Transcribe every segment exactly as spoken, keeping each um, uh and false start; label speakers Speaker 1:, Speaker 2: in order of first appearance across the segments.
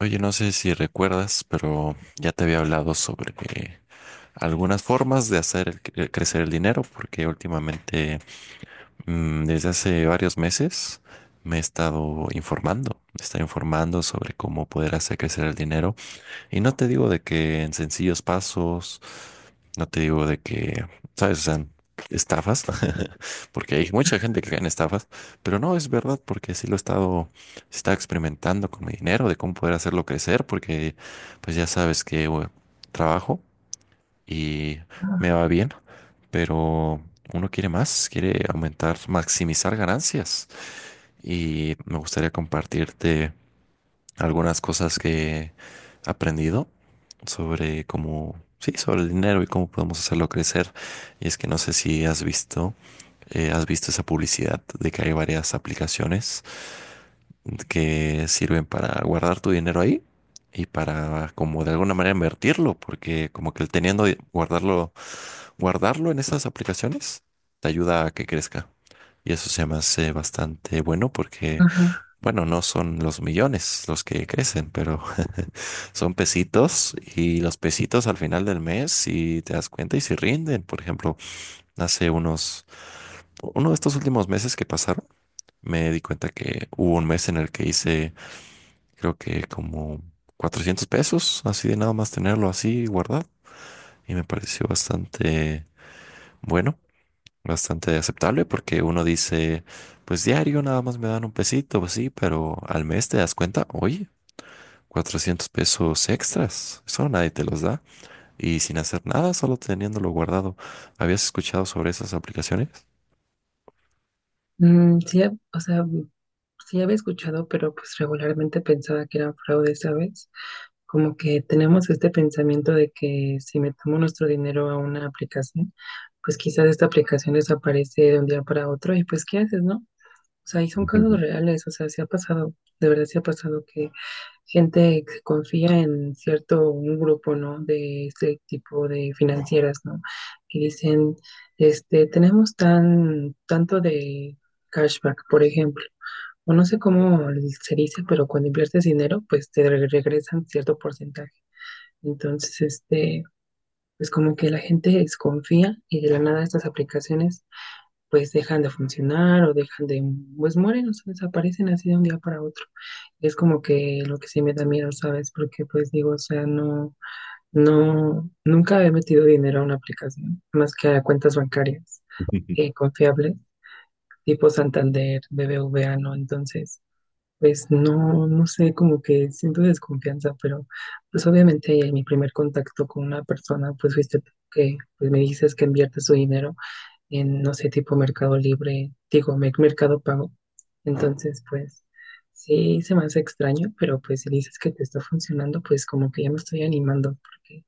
Speaker 1: Oye, no sé si recuerdas, pero ya te había hablado sobre eh, algunas formas de hacer el cre- crecer el dinero, porque últimamente, mm, desde hace varios meses, me he estado informando, me he estado informando sobre cómo poder hacer crecer el dinero. Y no te digo de que en sencillos pasos no te digo de que, ¿sabes? O sea, estafas, porque hay mucha gente que cae en estafas, pero no es verdad porque sí lo he estado, sí estaba experimentando con mi dinero, de cómo poder hacerlo crecer, porque pues ya sabes que bueno, trabajo y me va bien, pero uno quiere más, quiere aumentar, maximizar ganancias y me gustaría compartirte algunas cosas que he aprendido sobre cómo, sí, sobre el dinero y cómo podemos hacerlo crecer. Y es que no sé si has visto, eh, has visto esa publicidad de que hay varias aplicaciones que sirven para guardar tu dinero ahí y para como de alguna manera invertirlo, porque como que el teniendo, di- guardarlo, guardarlo en esas aplicaciones te ayuda a que crezca. Y eso se me hace bastante bueno porque
Speaker 2: Ajá.
Speaker 1: bueno, no son los millones los que crecen, pero son pesitos y los pesitos al final del mes, si te das cuenta y si rinden, por ejemplo, hace unos, uno de estos últimos meses que pasaron, me di cuenta que hubo un mes en el que hice, creo que como cuatrocientos pesos, así de nada más tenerlo así guardado y me pareció bastante bueno, bastante aceptable porque uno dice, pues diario nada más me dan un pesito, pues sí, pero al mes te das cuenta, oye. Cuatrocientos pesos extras. Eso nadie te los da. Y sin hacer nada, solo teniéndolo guardado. ¿Habías escuchado sobre esas aplicaciones?
Speaker 2: Mm, sí, hab- o sea, mm, sí había escuchado, pero pues regularmente pensaba que eran fraudes, ¿sabes? Como que tenemos este pensamiento de que si metemos nuestro dinero a una aplicación, pues quizás esta aplicación desaparece de un día para otro y pues ¿qué haces, no? O sea, y son casos reales, o sea, sí ha pasado, de verdad sí ha pasado gente que confía en cierto un grupo, ¿no? De este tipo de financieras, ¿no? Que dicen, este, tenemos tan, tanto de cashback, por ejemplo. O no sé cómo se dice, pero cuando inviertes dinero, pues te re- regresan cierto porcentaje. Entonces, este, pues como que la gente desconfía y de la nada estas aplicaciones pues dejan de funcionar o dejan de, pues mueren, o sea, desaparecen así de un día para otro. Es como que lo que sí me da miedo, ¿sabes? Porque pues digo, o sea, no, no, nunca he metido dinero a una aplicación, más que a cuentas bancarias eh, confiables, tipo Santander, B B V A, ¿no? Entonces, pues no, no sé, como que siento desconfianza, pero pues obviamente en mi primer contacto con una persona, pues fuiste tú que pues me dices que inviertes su dinero en, no sé, tipo Mercado Libre, digo, Mer- Mercado Pago. Entonces, pues sí, se me hace extraño, pero pues si dices que te está funcionando, pues como que ya me estoy animando, porque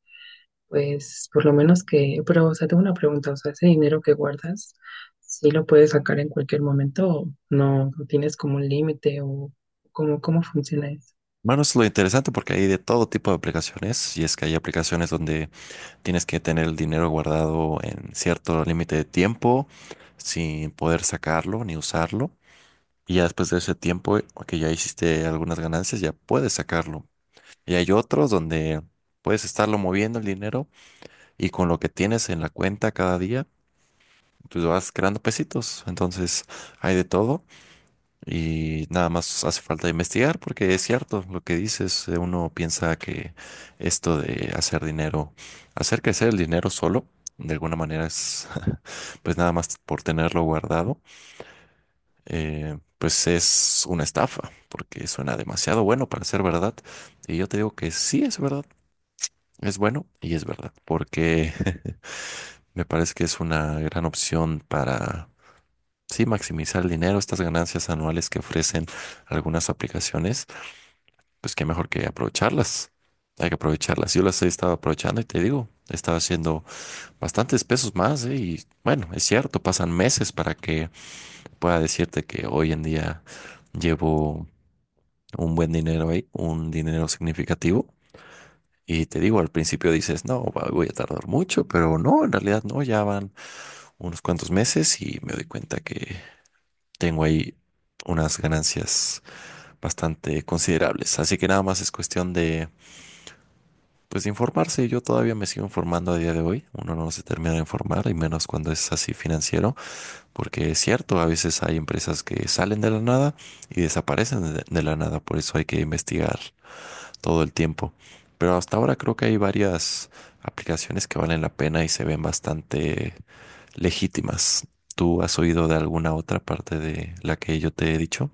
Speaker 2: pues por lo menos que, pero o sea, tengo una pregunta, o sea, ese dinero que guardas, ¿sí lo puedes sacar en cualquier momento o no? ¿No tienes como un límite o cómo, cómo funciona eso?
Speaker 1: Bueno, es lo interesante porque hay de todo tipo de aplicaciones y es que hay aplicaciones donde tienes que tener el dinero guardado en cierto límite de tiempo sin poder sacarlo ni usarlo y ya después de ese tiempo eh, que ya hiciste algunas ganancias ya puedes sacarlo y hay otros donde puedes estarlo moviendo el dinero. Y con lo que tienes en la cuenta cada día, pues vas creando pesitos. Entonces hay de todo y nada más hace falta investigar porque es cierto lo que dices. eh, Uno piensa que esto de hacer dinero, hacer crecer el dinero solo, de alguna manera es, pues nada más por tenerlo guardado, eh, pues es una estafa porque suena demasiado bueno para ser verdad. Y yo te digo que sí es verdad. Es bueno y es verdad, porque me parece que es una gran opción para, sí, maximizar el dinero. Estas ganancias anuales que ofrecen algunas aplicaciones, pues qué mejor que aprovecharlas. Hay que aprovecharlas. Yo las he estado aprovechando y te digo, he estado haciendo bastantes pesos más, ¿eh? Y bueno, es cierto, pasan meses para que pueda decirte que hoy en día llevo un buen dinero ahí, un dinero significativo. Y te digo, al principio dices, no, va- voy a tardar mucho, pero no, en realidad no, ya van unos cuantos meses y me doy cuenta que tengo ahí unas ganancias bastante considerables. Así que nada más es cuestión de, pues, de informarse. Yo todavía me sigo informando a día de hoy. Uno no se termina de informar, y menos cuando es así financiero, porque es cierto, a veces hay empresas que salen de la nada y desaparecen de de la nada. Por eso hay que investigar todo el tiempo. Pero hasta ahora creo que hay varias aplicaciones que valen la pena y se ven bastante legítimas. ¿Tú has oído de alguna otra parte de la que yo te he dicho?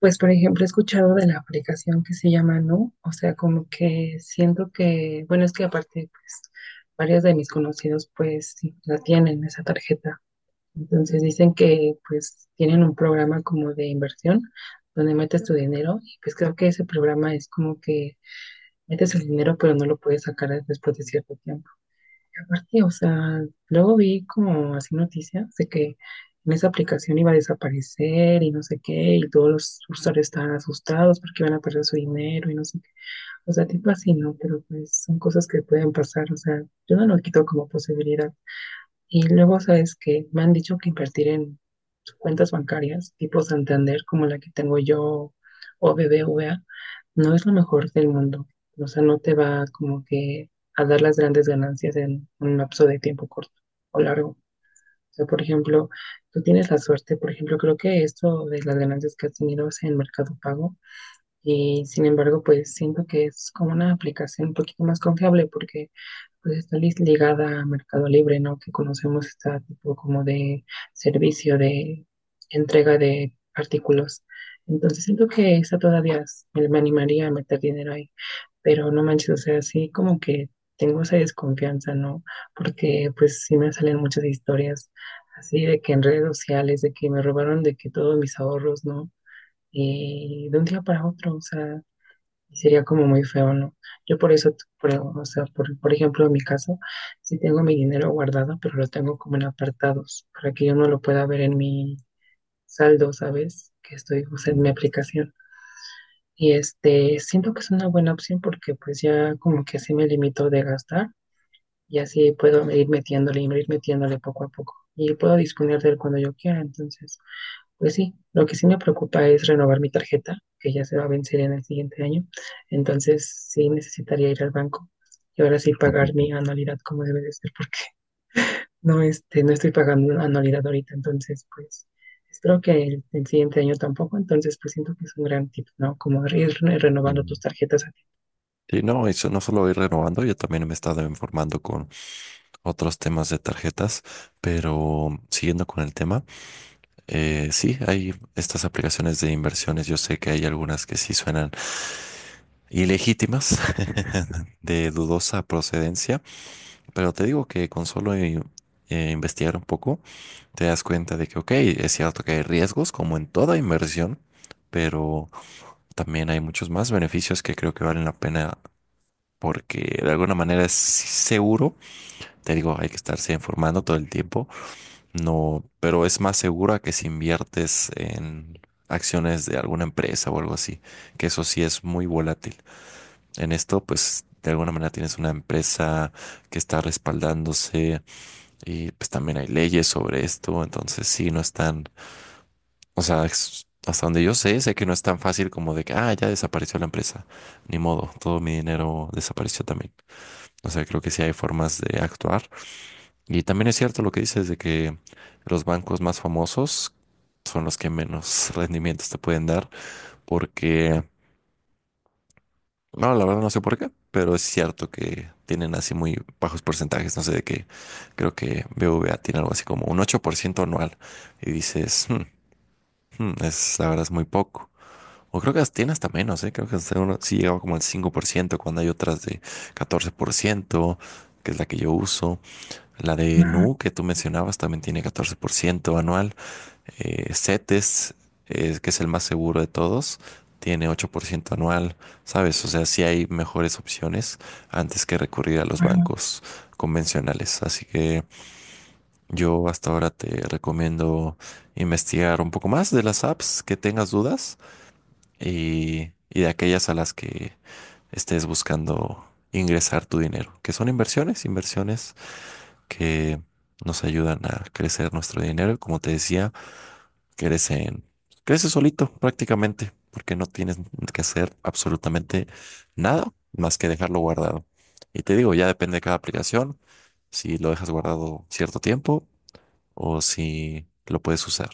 Speaker 2: Pues, por ejemplo, he escuchado de la aplicación que se llama Nu, o sea, como que siento que, bueno, es que aparte, pues, varios de mis conocidos, pues, sí, la tienen, esa tarjeta. Entonces dicen que, pues, tienen un programa como de inversión, donde metes tu dinero, y pues creo que ese programa es como que metes el dinero, pero no lo puedes sacar después de cierto tiempo. Aparte, o sea, luego vi como así noticias de que en esa aplicación iba a desaparecer y no sé qué, y todos los usuarios estaban asustados porque iban a perder su dinero y no sé qué. O sea, tipo así, ¿no? Pero pues son cosas que pueden pasar, o sea, yo no lo quito como posibilidad. Y luego sabes que me han dicho que invertir en cuentas bancarias tipo Santander, como la que tengo yo o B B V A, no es lo mejor del mundo. O sea, no te va como que a dar las grandes ganancias en un lapso de tiempo corto o largo. O sea, por ejemplo, tú tienes la suerte, por ejemplo, creo que esto de las ganancias que has tenido es en Mercado Pago y sin embargo, pues siento que es como una aplicación un poquito más confiable porque pues está lis- ligada a Mercado Libre, ¿no? Que conocemos este tipo como de servicio de entrega de artículos. Entonces siento que esa todavía es- me, me animaría a meter dinero ahí, pero no manches, o sea, sí como que tengo esa desconfianza, ¿no? Porque pues sí me salen muchas historias así de que en redes sociales, de que me robaron de que todos mis ahorros, ¿no? eh, de un día para otro, o sea, y sería como muy feo, ¿no? Yo por eso, por, o sea, por, por ejemplo, en mi caso, sí tengo mi dinero guardado, pero lo tengo como en apartados, para que yo no lo pueda ver en mi saldo, ¿sabes? Que estoy, o sea, en mi
Speaker 1: Mm.
Speaker 2: aplicación. Y este, siento que es una buena opción porque pues ya como que así me limito de gastar y así puedo ir metiéndole, ir metiéndole poco a poco. Y puedo disponer de él cuando yo quiera, entonces. Pues sí, lo que sí me preocupa es renovar mi tarjeta, que ya se va a vencer en el siguiente año. Entonces sí necesitaría ir al banco y ahora sí pagar mi anualidad como debe de ser, porque no, este, no estoy pagando anualidad ahorita. Entonces, pues espero que el, el siguiente año tampoco. Entonces, pues siento que es un gran tip, ¿no? Como ir re- renovando tus tarjetas a
Speaker 1: Sí, no, eso no solo ir renovando, yo también me he estado informando con otros temas de tarjetas, pero siguiendo con el tema. Eh, sí, hay estas aplicaciones de inversiones. Yo sé que hay algunas que sí suenan ilegítimas, de dudosa procedencia, pero te digo que con solo i- eh, investigar un poco, te das cuenta de que, ok, es cierto que hay riesgos, como en toda inversión, pero también hay muchos más beneficios que creo que valen la pena porque de alguna manera es seguro. Te digo, hay que estarse informando todo el tiempo. No, pero es más segura que si inviertes en acciones de alguna empresa o algo así, que eso sí es muy volátil. En esto, pues de alguna manera tienes una empresa que está respaldándose y pues también hay leyes sobre esto, entonces sí, no es tan, o sea, es- hasta donde yo sé, sé que no es tan fácil como de que, ah, ya desapareció la empresa, ni modo, todo mi dinero desapareció también. O sea, creo que sí hay formas de actuar y también es cierto lo que dices de que los bancos más famosos son los que menos rendimientos te pueden dar, porque, no, la verdad no sé por qué, pero es cierto que tienen así muy bajos porcentajes, no sé de qué, creo que B B V A tiene algo así como un ocho por ciento anual y dices, "Hmm, hmm, es, la verdad es muy poco. O creo que las tiene hasta menos, ¿eh? Creo que hasta uno sí llegaba como al cinco por ciento cuando hay otras de catorce por ciento que es la que yo uso. La de
Speaker 2: ti.
Speaker 1: Nu, que tú mencionabas, también tiene catorce por ciento anual. Eh, CETES, eh, que es el más seguro de todos, tiene ocho por ciento anual, ¿sabes? O sea, sí hay mejores opciones antes que recurrir a los bancos convencionales. Así que yo hasta ahora te recomiendo investigar un poco más de las apps que tengas dudas y, y de aquellas a las que estés buscando ingresar tu dinero, que son inversiones, inversiones que nos ayudan a crecer nuestro dinero. Como te decía, crecen, crece solito prácticamente, porque no tienes que hacer absolutamente nada más que dejarlo guardado. Y te digo, ya depende de cada aplicación, si lo dejas guardado cierto tiempo o si lo puedes usar.